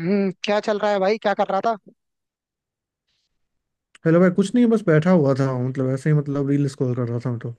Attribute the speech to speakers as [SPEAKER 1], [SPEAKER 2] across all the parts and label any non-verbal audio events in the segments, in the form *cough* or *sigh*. [SPEAKER 1] हम्म। क्या चल रहा है भाई? क्या कर रहा था?
[SPEAKER 2] हेलो भाई, कुछ नहीं, बस बैठा हुआ था, मतलब ऐसे ही, मतलब रील स्क्रॉल कर रहा था तो।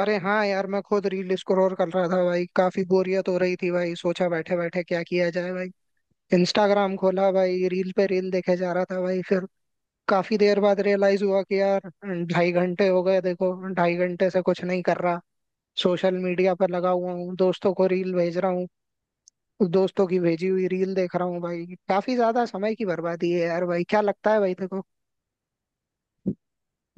[SPEAKER 1] अरे हाँ यार, मैं खुद रील स्क्रॉल कर रहा था भाई। काफी बोरियत हो रही थी भाई। सोचा बैठे बैठे क्या किया जाए भाई। इंस्टाग्राम खोला भाई, रील पे रील देखे जा रहा था भाई। फिर काफी देर बाद रियलाइज हुआ कि यार, ढाई घंटे हो गए। देखो, ढाई घंटे से कुछ नहीं कर रहा। सोशल मीडिया पर लगा हुआ हूँ, दोस्तों को रील भेज रहा हूँ, दोस्तों की भेजी हुई रील देख रहा हूँ भाई। काफी ज्यादा समय की बर्बादी है यार। भाई क्या लगता है भाई, देखो।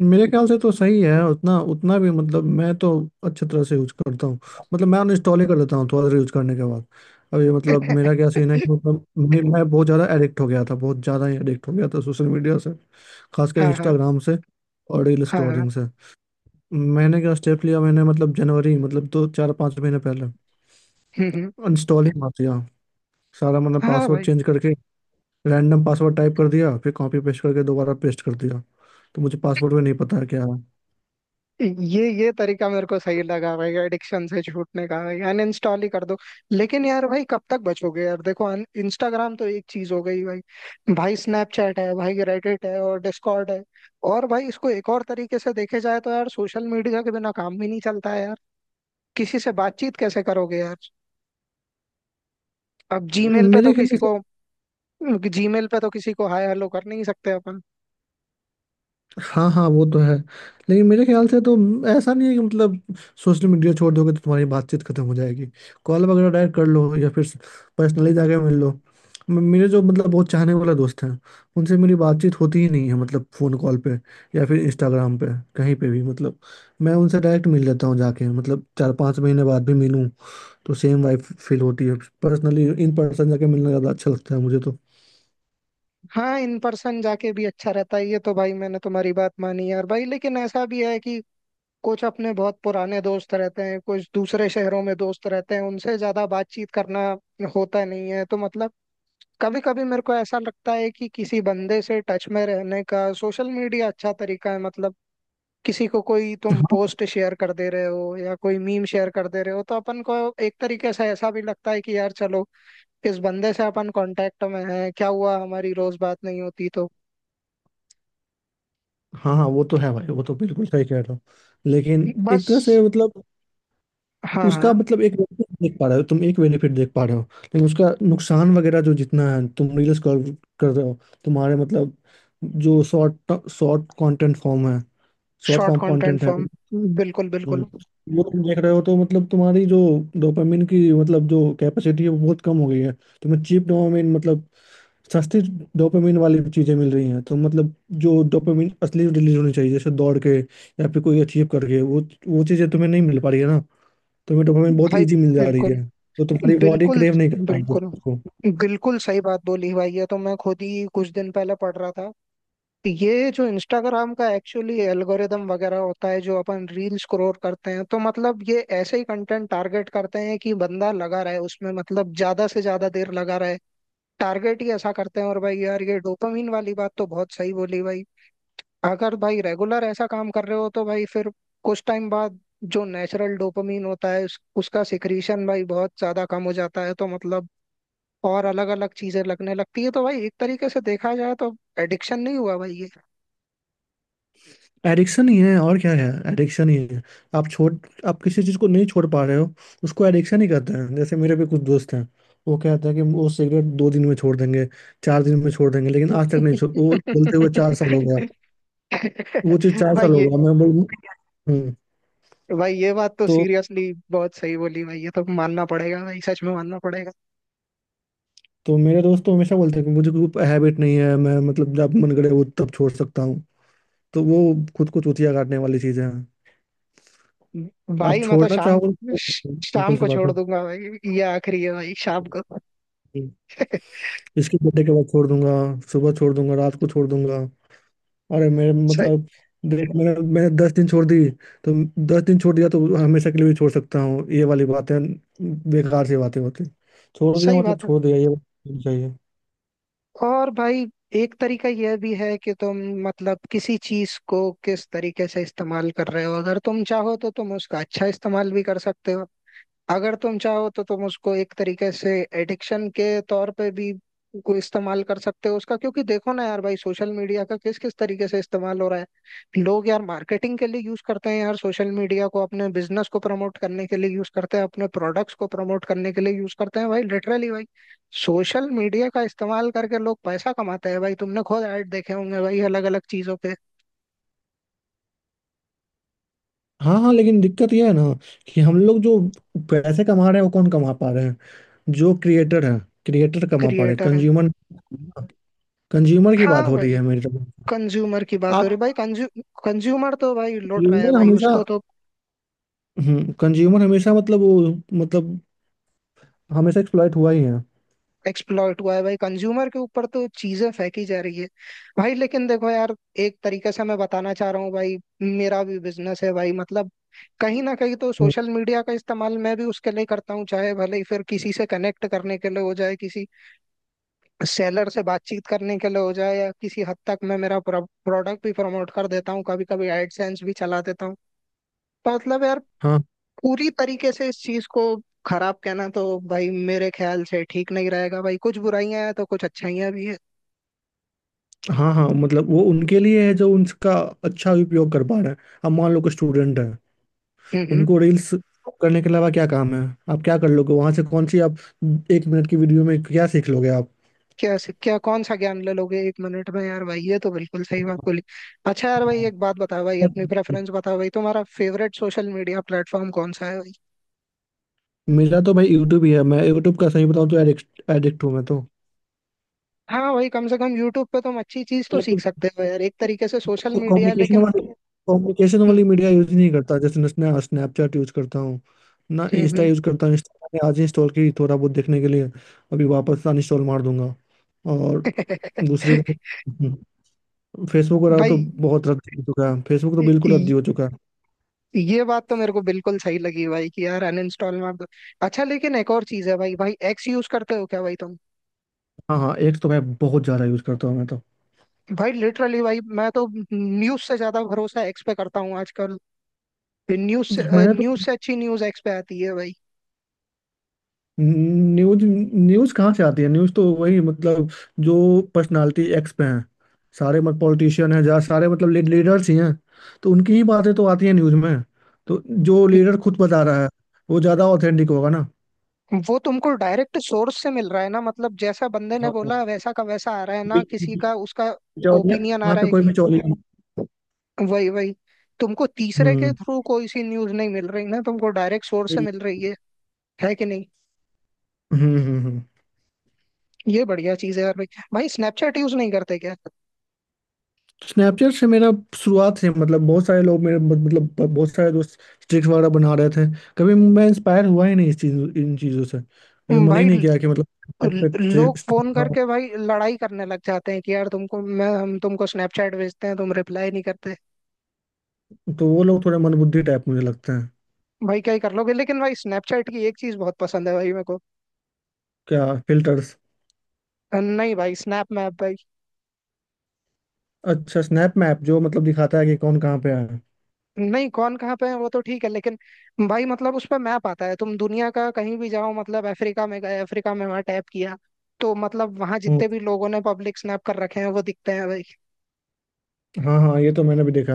[SPEAKER 2] मेरे ख्याल से तो सही है उतना, उतना भी मतलब। मैं तो अच्छे तरह से यूज करता हूँ। मतलब मैं अनइंस्टॉल ही कर देता हूँ थोड़ा देर यूज करने के बाद। अब ये मतलब मेरा क्या सीन है कि
[SPEAKER 1] *laughs*
[SPEAKER 2] मतलब मैं बहुत ज़्यादा एडिक्ट हो गया था, बहुत ज़्यादा ही एडिक्ट हो गया था सोशल मीडिया से, खासकर
[SPEAKER 1] हाँ हाँ।
[SPEAKER 2] इंस्टाग्राम से और रील
[SPEAKER 1] हाँ हाँ।
[SPEAKER 2] स्क्रॉलिंग से। मैंने क्या स्टेप लिया? मैंने मतलब जनवरी मतलब दो चार पाँच महीने पहले
[SPEAKER 1] हम्म, हम्म।
[SPEAKER 2] अनइंस्टॉल ही मार दिया सारा। मतलब
[SPEAKER 1] हाँ
[SPEAKER 2] पासवर्ड
[SPEAKER 1] भाई।
[SPEAKER 2] चेंज करके रैंडम पासवर्ड टाइप कर दिया, फिर कॉपी पेस्ट करके दोबारा पेस्ट कर दिया, तो मुझे पासवर्ड में नहीं पता है क्या है।
[SPEAKER 1] ये तरीका मेरे को सही लगा भाई, एडिक्शन से छूटने का। भाई अनइंस्टॉल ही कर दो। लेकिन यार भाई, कब तक बचोगे यार? देखो, इंस्टाग्राम तो एक चीज हो गई भाई। भाई स्नैपचैट है, भाई रेडिट है और डिस्कॉर्ड है। और भाई इसको एक और तरीके से देखे जाए तो यार, सोशल मीडिया के बिना काम भी नहीं चलता है यार। किसी से बातचीत कैसे करोगे यार? अब जीमेल पे तो
[SPEAKER 2] मेरे ख्याल
[SPEAKER 1] किसी
[SPEAKER 2] से।
[SPEAKER 1] को, जीमेल पे तो किसी को हाय हेलो कर नहीं सकते अपन।
[SPEAKER 2] हाँ हाँ, वो तो है। लेकिन मेरे ख्याल से तो ऐसा नहीं है कि मतलब सोशल मीडिया छोड़ दोगे तो तुम्हारी बातचीत खत्म हो जाएगी। कॉल वगैरह डायरेक्ट कर लो या फिर पर्सनली जाके मिल लो। मेरे जो मतलब बहुत चाहने वाला दोस्त हैं, उनसे मेरी बातचीत होती ही नहीं है, मतलब फ़ोन कॉल पे या फिर इंस्टाग्राम पे, कहीं पे भी मतलब। मैं उनसे डायरेक्ट मिल लेता हूँ जाके, मतलब चार पाँच महीने बाद भी मिलूँ तो सेम वाइब फील होती है। पर्सनली इन पर्सन जाके मिलना ज्यादा अच्छा लगता है मुझे तो।
[SPEAKER 1] हाँ, इन पर्सन जाके भी अच्छा रहता है, ये तो। भाई मैंने तुम्हारी बात मानी यार भाई, लेकिन ऐसा भी है कि कुछ अपने बहुत पुराने दोस्त रहते हैं, कुछ दूसरे शहरों में दोस्त रहते हैं, उनसे ज्यादा बातचीत करना होता नहीं है, तो मतलब कभी कभी मेरे को ऐसा लगता है कि किसी बंदे से टच में रहने का सोशल मीडिया अच्छा तरीका है मतलब। किसी को कोई तुम
[SPEAKER 2] हाँ
[SPEAKER 1] पोस्ट शेयर कर दे रहे हो या कोई मीम शेयर कर दे रहे हो तो अपन को एक तरीके से ऐसा भी लगता है कि यार चलो, इस बंदे से अपन कांटेक्ट में हैं, क्या हुआ हमारी रोज बात नहीं होती तो।
[SPEAKER 2] हाँ हाँ, वो तो है भाई, वो तो बिल्कुल सही कह रहे हो। लेकिन
[SPEAKER 1] बस।
[SPEAKER 2] एक तरह से मतलब
[SPEAKER 1] हाँ
[SPEAKER 2] उसका
[SPEAKER 1] हाँ।
[SPEAKER 2] मतलब एक benefit देख पा रहे हो तुम, एक बेनिफिट देख पा रहे हो, लेकिन उसका नुकसान वगैरह जो जितना है, तुम रील्स कर कर रहे हो। तुम्हारे मतलब जो शॉर्ट शॉर्ट कंटेंट फॉर्म है, short
[SPEAKER 1] short
[SPEAKER 2] form
[SPEAKER 1] content
[SPEAKER 2] content है।
[SPEAKER 1] फॉर्म। बिल्कुल
[SPEAKER 2] हम्म,
[SPEAKER 1] बिल्कुल।
[SPEAKER 2] वो तुम देख रहे हो तो मतलब तुम्हारी जो डोपामिन की मतलब जो कैपेसिटी है वो बहुत कम हो गई है। तुम्हें चीप डोपामिन मतलब सस्ती डोपामिन वाली चीजें मिल रही हैं तो मतलब जो डोपामिन असली रिलीज होनी चाहिए जैसे दौड़ के या फिर कोई अचीव करके, वो चीजें तुम्हें नहीं मिल पा रही है ना। तुम्हें डोपामिन बहुत
[SPEAKER 1] भाई
[SPEAKER 2] इजी मिल जा रही
[SPEAKER 1] बिल्कुल।
[SPEAKER 2] है तो तुम्हारी बॉडी
[SPEAKER 1] बिल्कुल।
[SPEAKER 2] क्रेव नहीं कर पाएगी
[SPEAKER 1] बिल्कुल।
[SPEAKER 2] उसको।
[SPEAKER 1] बिल्कुल सही बात बोली भाई। ये तो मैं खुद ही कुछ दिन पहले पढ़ रहा था। ये जो इंस्टाग्राम का एक्चुअली एल्गोरिदम वगैरह होता है, जो अपन रील स्क्रॉल करते हैं, तो मतलब ये ऐसे ही कंटेंट टारगेट करते हैं कि बंदा लगा रहे उसमें, मतलब ज्यादा से ज्यादा देर लगा रहे। टारगेट ही ऐसा करते हैं। और भाई यार, ये डोपामिन वाली बात तो बहुत सही बोली भाई। अगर भाई रेगुलर ऐसा काम कर रहे हो तो भाई फिर कुछ टाइम बाद जो नेचुरल डोपामिन होता है उसका सिक्रीशन भाई बहुत ज्यादा कम हो जाता है, तो मतलब और अलग अलग चीजें लगने लगती है। तो भाई एक तरीके से देखा जाए तो एडिक्शन नहीं हुआ भाई ये?
[SPEAKER 2] एडिक्शन ही है और क्या है, एडिक्शन ही है। आप छोड़ आप किसी चीज को नहीं छोड़ पा रहे हो, उसको एडिक्शन ही कहते हैं। जैसे मेरे भी कुछ दोस्त हैं, वो कहते हैं कि वो सिगरेट दो दिन में छोड़ देंगे, चार दिन में छोड़ देंगे, लेकिन आज तक नहीं छोड़, वो बोलते हुए चार साल हो गया।
[SPEAKER 1] *laughs*
[SPEAKER 2] वो चीज चार
[SPEAKER 1] भाई
[SPEAKER 2] साल हो
[SPEAKER 1] ये
[SPEAKER 2] गया मैं बोल। हम्म।
[SPEAKER 1] भाई ये बात तो
[SPEAKER 2] तो
[SPEAKER 1] सीरियसली बहुत सही बोली भाई। ये तो मानना पड़ेगा भाई, सच में मानना पड़ेगा।
[SPEAKER 2] तो मेरे दोस्त तो हमेशा बोलते हैं कि मुझे कोई हैबिट नहीं है, मैं मतलब जब मन करे वो तब छोड़ सकता हूँ। तो वो खुद को चूतिया काटने वाली चीजें हैं। आप
[SPEAKER 1] भाई मैं तो
[SPEAKER 2] छोड़ना
[SPEAKER 1] शाम
[SPEAKER 2] चाहो तो,
[SPEAKER 1] शाम
[SPEAKER 2] सिंपल सी
[SPEAKER 1] को छोड़
[SPEAKER 2] बात
[SPEAKER 1] दूंगा भाई। ये आखिरी है भाई, शाम को। *laughs*
[SPEAKER 2] है। इसके बर्थडे के बाद छोड़ दूंगा, सुबह छोड़ दूंगा, रात को छोड़ दूंगा। अरे मेरे
[SPEAKER 1] सही।
[SPEAKER 2] मतलब, देख, मैंने मैंने दस दिन छोड़ दी तो, दस दिन छोड़ दिया तो हमेशा के लिए भी छोड़ सकता हूँ, ये वाली बातें बेकार सी बातें होती। छोड़ दिया
[SPEAKER 1] सही
[SPEAKER 2] मतलब
[SPEAKER 1] बात है।
[SPEAKER 2] छोड़ दिया, ये वाली चाहिए।
[SPEAKER 1] और भाई एक तरीका यह भी है कि तुम, मतलब किसी चीज को किस तरीके से इस्तेमाल कर रहे हो, अगर तुम चाहो तो तुम उसका अच्छा इस्तेमाल भी कर सकते हो। अगर तुम चाहो तो तुम उसको एक तरीके से एडिक्शन के तौर पे भी को इस्तेमाल कर सकते हो उसका। क्योंकि देखो ना यार भाई, सोशल मीडिया का किस किस तरीके से इस्तेमाल हो रहा है। लोग यार मार्केटिंग के लिए यूज करते हैं यार सोशल मीडिया को, अपने बिजनेस को प्रमोट करने के लिए यूज करते हैं, अपने प्रोडक्ट्स को प्रमोट करने के लिए यूज करते हैं भाई। लिटरली भाई सोशल मीडिया का इस्तेमाल करके लोग पैसा कमाते हैं भाई। तुमने खुद ऐड देखे होंगे भाई अलग अलग चीजों के।
[SPEAKER 2] हाँ हाँ, लेकिन दिक्कत ये है ना कि हम लोग जो पैसे कमा रहे हैं वो कौन कमा पा रहे हैं? जो क्रिएटर है, क्रिएटर कमा पा रहे हैं।
[SPEAKER 1] क्रिएटर हैं।
[SPEAKER 2] कंज्यूमर, कंज्यूमर की बात
[SPEAKER 1] हाँ
[SPEAKER 2] हो रही
[SPEAKER 1] भाई।
[SPEAKER 2] है मेरी तरफ।
[SPEAKER 1] कंज्यूमर की बात हो
[SPEAKER 2] आप,
[SPEAKER 1] रही भाई। कंज्यूमर तो भाई लौट रहा है
[SPEAKER 2] कंज्यूमर
[SPEAKER 1] भाई,
[SPEAKER 2] हमेशा,
[SPEAKER 1] उसको तो।
[SPEAKER 2] हम्म, कंज्यूमर हमेशा मतलब वो मतलब हमेशा एक्सप्लॉइट हुआ ही है।
[SPEAKER 1] एक्सप्लॉइट हुआ है भाई। कंज्यूमर के ऊपर तो चीजें फेंकी जा रही है भाई। लेकिन देखो यार, एक तरीके से मैं बताना चाह रहा हूँ भाई। मेरा भी बिजनेस है भाई मतलब, कहीं ना कहीं तो
[SPEAKER 2] हम्म।
[SPEAKER 1] सोशल मीडिया का इस्तेमाल मैं भी उसके लिए करता हूँ, चाहे भले ही फिर किसी से कनेक्ट करने के लिए हो जाए, किसी सेलर से बातचीत करने के लिए हो जाए, या किसी हद तक मैं मेरा प्रोडक्ट भी प्रमोट कर देता हूँ, कभी कभी एडसेंस भी चला देता हूँ। तो मतलब यार,
[SPEAKER 2] हाँ
[SPEAKER 1] पूरी तरीके से इस चीज को खराब कहना तो भाई मेरे ख्याल से ठीक नहीं रहेगा भाई। कुछ बुराइयां हैं तो कुछ अच्छाइयां भी है।
[SPEAKER 2] हाँ हाँ, मतलब वो उनके लिए है जो उनका अच्छा उपयोग कर पा रहे हैं। अब मान लो कि स्टूडेंट है,
[SPEAKER 1] हम्म।
[SPEAKER 2] उनको रील्स करने के अलावा क्या काम है? आप क्या कर लोगे वहां से, कौन सी आप एक मिनट की वीडियो में क्या सीख लोगे आप?
[SPEAKER 1] क्या क्या कौन सा ज्ञान ले लोगे एक मिनट में यार भाई? ये तो बिल्कुल सही बात बोली। अच्छा यार भाई, एक बात बताओ भाई, अपनी प्रेफरेंस बताओ भाई। तुम्हारा फेवरेट सोशल मीडिया प्लेटफॉर्म कौन सा है भाई?
[SPEAKER 2] मेरा तो भाई यूट्यूब ही है। मैं यूट्यूब का सही बताऊं तो एडिक्ट, एडिक्ट हूँ मैं।
[SPEAKER 1] हाँ भाई, कम से कम यूट्यूब पे तुम अच्छी चीज तो सीख
[SPEAKER 2] तो
[SPEAKER 1] सकते हो यार। एक तरीके से सोशल मीडिया है,
[SPEAKER 2] कम्युनिकेशन
[SPEAKER 1] लेकिन।
[SPEAKER 2] वाली, कम्युनिकेशन वाली
[SPEAKER 1] हम्म।
[SPEAKER 2] मीडिया यूज नहीं करता। जैसे मैं स्नैपचैट यूज करता हूँ ना, इंस्टा
[SPEAKER 1] हम्म।
[SPEAKER 2] यूज करता हूँ। इंस्टा मैंने आज इंस्टॉल की थोड़ा बहुत देखने के लिए, अभी वापस अनइंस्टॉल मार दूंगा। और दूसरी बात,
[SPEAKER 1] *laughs*
[SPEAKER 2] फेसबुक रहा तो
[SPEAKER 1] भाई
[SPEAKER 2] बहुत रद्दी हो चुका है, फेसबुक तो बिल्कुल
[SPEAKER 1] ये
[SPEAKER 2] रद्दी हो चुका है।
[SPEAKER 1] ये बात तो मेरे को बिल्कुल सही लगी भाई कि यार अनइंस्टॉल मत। अच्छा, लेकिन एक और चीज है भाई। भाई एक्स यूज करते हो क्या भाई तुम?
[SPEAKER 2] हाँ हाँ, एक तो मैं बहुत ज़्यादा यूज करता हूँ मैं तो।
[SPEAKER 1] भाई लिटरली भाई, मैं तो न्यूज से ज्यादा भरोसा एक्स पे करता हूँ आजकल।
[SPEAKER 2] मैंने तो,
[SPEAKER 1] न्यूज से अच्छी न्यूज एक्स पे आती है भाई।
[SPEAKER 2] न्यूज न्यूज कहाँ से आती है? न्यूज तो वही मतलब जो पर्सनालिटी एक्स पे हैं, सारे मतलब पॉलिटिशियन हैं, जहाँ सारे मतलब लीडर्स ही हैं, तो उनकी ही बातें तो आती हैं न्यूज में। तो जो लीडर खुद बता रहा है वो ज्यादा ऑथेंटिक होगा ना।
[SPEAKER 1] वो तुमको डायरेक्ट सोर्स से मिल रहा है ना, मतलब जैसा बंदे ने बोला वैसा का वैसा आ रहा है ना, किसी का उसका
[SPEAKER 2] बिचौलिया,
[SPEAKER 1] ओपिनियन आ
[SPEAKER 2] वहाँ
[SPEAKER 1] रहा
[SPEAKER 2] पे
[SPEAKER 1] है
[SPEAKER 2] कोई
[SPEAKER 1] कि?
[SPEAKER 2] बिचौली।
[SPEAKER 1] वही वही। तुमको तीसरे के
[SPEAKER 2] हम्म।
[SPEAKER 1] थ्रू कोई सी न्यूज नहीं मिल रही ना, तुमको डायरेक्ट सोर्स से
[SPEAKER 2] हम्म।
[SPEAKER 1] मिल रही है। है कि नहीं?
[SPEAKER 2] हम्म। हम्म।
[SPEAKER 1] ये बढ़िया चीज है यार भाई। भाई स्नैपचैट यूज नहीं करते क्या?
[SPEAKER 2] स्नैपचैट से मेरा शुरुआत से मतलब बहुत सारे लोग मेरे मतलब बहुत सारे दोस्त स्ट्रिक्स वगैरह बना रहे थे, कभी मैं इंस्पायर हुआ ही नहीं इस चीज, इन चीजों से। कभी मन ही
[SPEAKER 1] भाई
[SPEAKER 2] नहीं किया कि मतलब Snapchat पे
[SPEAKER 1] लोग
[SPEAKER 2] streaks
[SPEAKER 1] फोन
[SPEAKER 2] बनाऊं।
[SPEAKER 1] करके भाई लड़ाई करने लग जाते हैं कि यार तुमको मैं, हम तुमको स्नैपचैट भेजते हैं तुम रिप्लाई नहीं करते।
[SPEAKER 2] तो वो लोग थोड़े मंदबुद्धि टाइप मुझे लगते हैं।
[SPEAKER 1] भाई क्या ही कर लोगे। लेकिन भाई स्नैपचैट की एक चीज बहुत पसंद है भाई मेरे को।
[SPEAKER 2] क्या, फिल्टर्स?
[SPEAKER 1] नहीं भाई, स्नैप मैप भाई।
[SPEAKER 2] अच्छा स्नैप मैप, जो मतलब दिखाता है कि कौन कहाँ पे है।
[SPEAKER 1] नहीं, कौन कहाँ पे है वो तो ठीक है, लेकिन भाई मतलब उस पर मैप आता है, तुम दुनिया का कहीं भी जाओ। मतलब अफ्रीका में गए, अफ्रीका में वहां टैप किया, तो मतलब वहां
[SPEAKER 2] हम्म।
[SPEAKER 1] जितने भी लोगों ने पब्लिक स्नैप कर रखे हैं वो दिखते हैं भाई।
[SPEAKER 2] हाँ हाँ, ये तो मैंने भी देखा।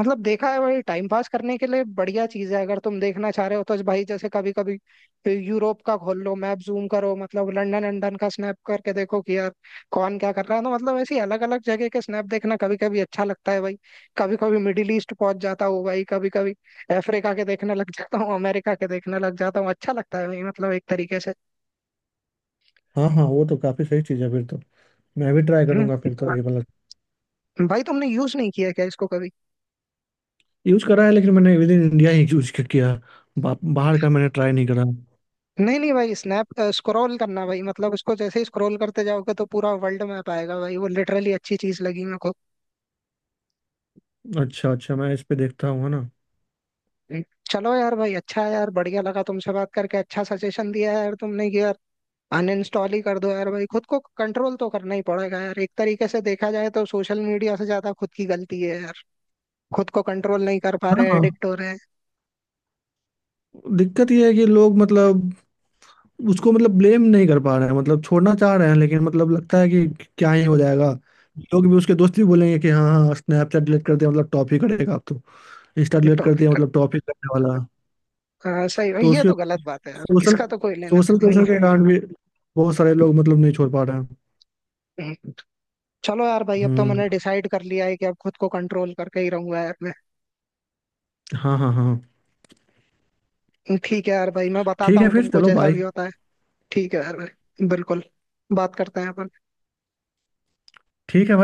[SPEAKER 1] मतलब देखा है भाई, टाइम पास करने के लिए बढ़िया चीज है, अगर तुम देखना चाह रहे हो तो भाई। जैसे कभी कभी यूरोप का खोल लो मैप, जूम करो, मतलब लंदन लंदन का स्नैप करके देखो कि यार कौन क्या कर रहा है। तो मतलब ऐसी अलग अलग जगह के स्नैप देखना कभी कभी अच्छा लगता है भाई। कभी कभी मिडिल ईस्ट पहुंच जाता हूँ भाई, कभी कभी अफ्रीका के देखने लग जाता हूँ, अमेरिका के देखने लग जाता हूँ। अच्छा लगता है भाई मतलब, एक तरीके से।
[SPEAKER 2] हाँ हाँ, वो तो काफी सही चीज है फिर तो। मैं भी ट्राई
[SPEAKER 1] हम्म।
[SPEAKER 2] करूंगा फिर तो ये वाला।
[SPEAKER 1] भाई तुमने यूज नहीं किया क्या इसको कभी?
[SPEAKER 2] यूज करा है, लेकिन मैंने विद इन इंडिया ही यूज किया। बाहर का मैंने ट्राई नहीं करा।
[SPEAKER 1] नहीं नहीं भाई, स्नैप स्क्रॉल करना भाई, मतलब उसको जैसे ही स्क्रॉल करते जाओगे तो पूरा वर्ल्ड मैप आएगा भाई। वो लिटरली अच्छी चीज लगी मेरे को।
[SPEAKER 2] अच्छा अच्छा, मैं इस पे देखता हूँ, है ना।
[SPEAKER 1] हम्म। चलो यार भाई, अच्छा है यार, बढ़िया लगा तुमसे बात करके। अच्छा सजेशन दिया है यार तुमने कि यार अनइंस्टॉल ही कर दो यार भाई। खुद को कंट्रोल तो करना ही पड़ेगा यार। एक तरीके से देखा जाए तो सोशल मीडिया से ज्यादा खुद की गलती है यार। खुद को कंट्रोल नहीं कर पा
[SPEAKER 2] हाँ
[SPEAKER 1] रहे,
[SPEAKER 2] हाँ।
[SPEAKER 1] एडिक्ट हो रहे
[SPEAKER 2] दिक्कत ये है कि लोग मतलब उसको मतलब ब्लेम नहीं कर पा रहे हैं, मतलब छोड़ना चाह रहे हैं, लेकिन मतलब लगता है कि क्या ही हो जाएगा। लोग भी, उसके दोस्त भी बोलेंगे कि हाँ हाँ स्नैपचैट डिलीट कर दिया, मतलब टॉप ही करेगा अब तो। इंस्टा
[SPEAKER 1] हैं।
[SPEAKER 2] डिलीट कर दिया
[SPEAKER 1] टॉपिक
[SPEAKER 2] मतलब टॉप ही करने वाला है।
[SPEAKER 1] सही भाई।
[SPEAKER 2] तो
[SPEAKER 1] ये
[SPEAKER 2] उसके,
[SPEAKER 1] तो गलत बात है यार,
[SPEAKER 2] सोशल
[SPEAKER 1] इसका तो कोई लेना
[SPEAKER 2] सोशल
[SPEAKER 1] देना नहीं
[SPEAKER 2] प्रेशर
[SPEAKER 1] है।
[SPEAKER 2] के कारण भी बहुत सारे लोग मतलब नहीं छोड़ पा रहे हैं।
[SPEAKER 1] हम्म। चलो यार भाई, अब तो
[SPEAKER 2] हम्म।
[SPEAKER 1] मैंने डिसाइड कर लिया है कि अब खुद को कंट्रोल करके ही रहूंगा यार।
[SPEAKER 2] हाँ हाँ हाँ।
[SPEAKER 1] ठीक है यार भाई, मैं बताता
[SPEAKER 2] ठीक है
[SPEAKER 1] हूँ
[SPEAKER 2] फिर,
[SPEAKER 1] तुमको
[SPEAKER 2] चलो
[SPEAKER 1] जैसा
[SPEAKER 2] बाय।
[SPEAKER 1] भी होता है। ठीक है यार भाई, बिल्कुल। बात करते हैं अपन।
[SPEAKER 2] ठीक है।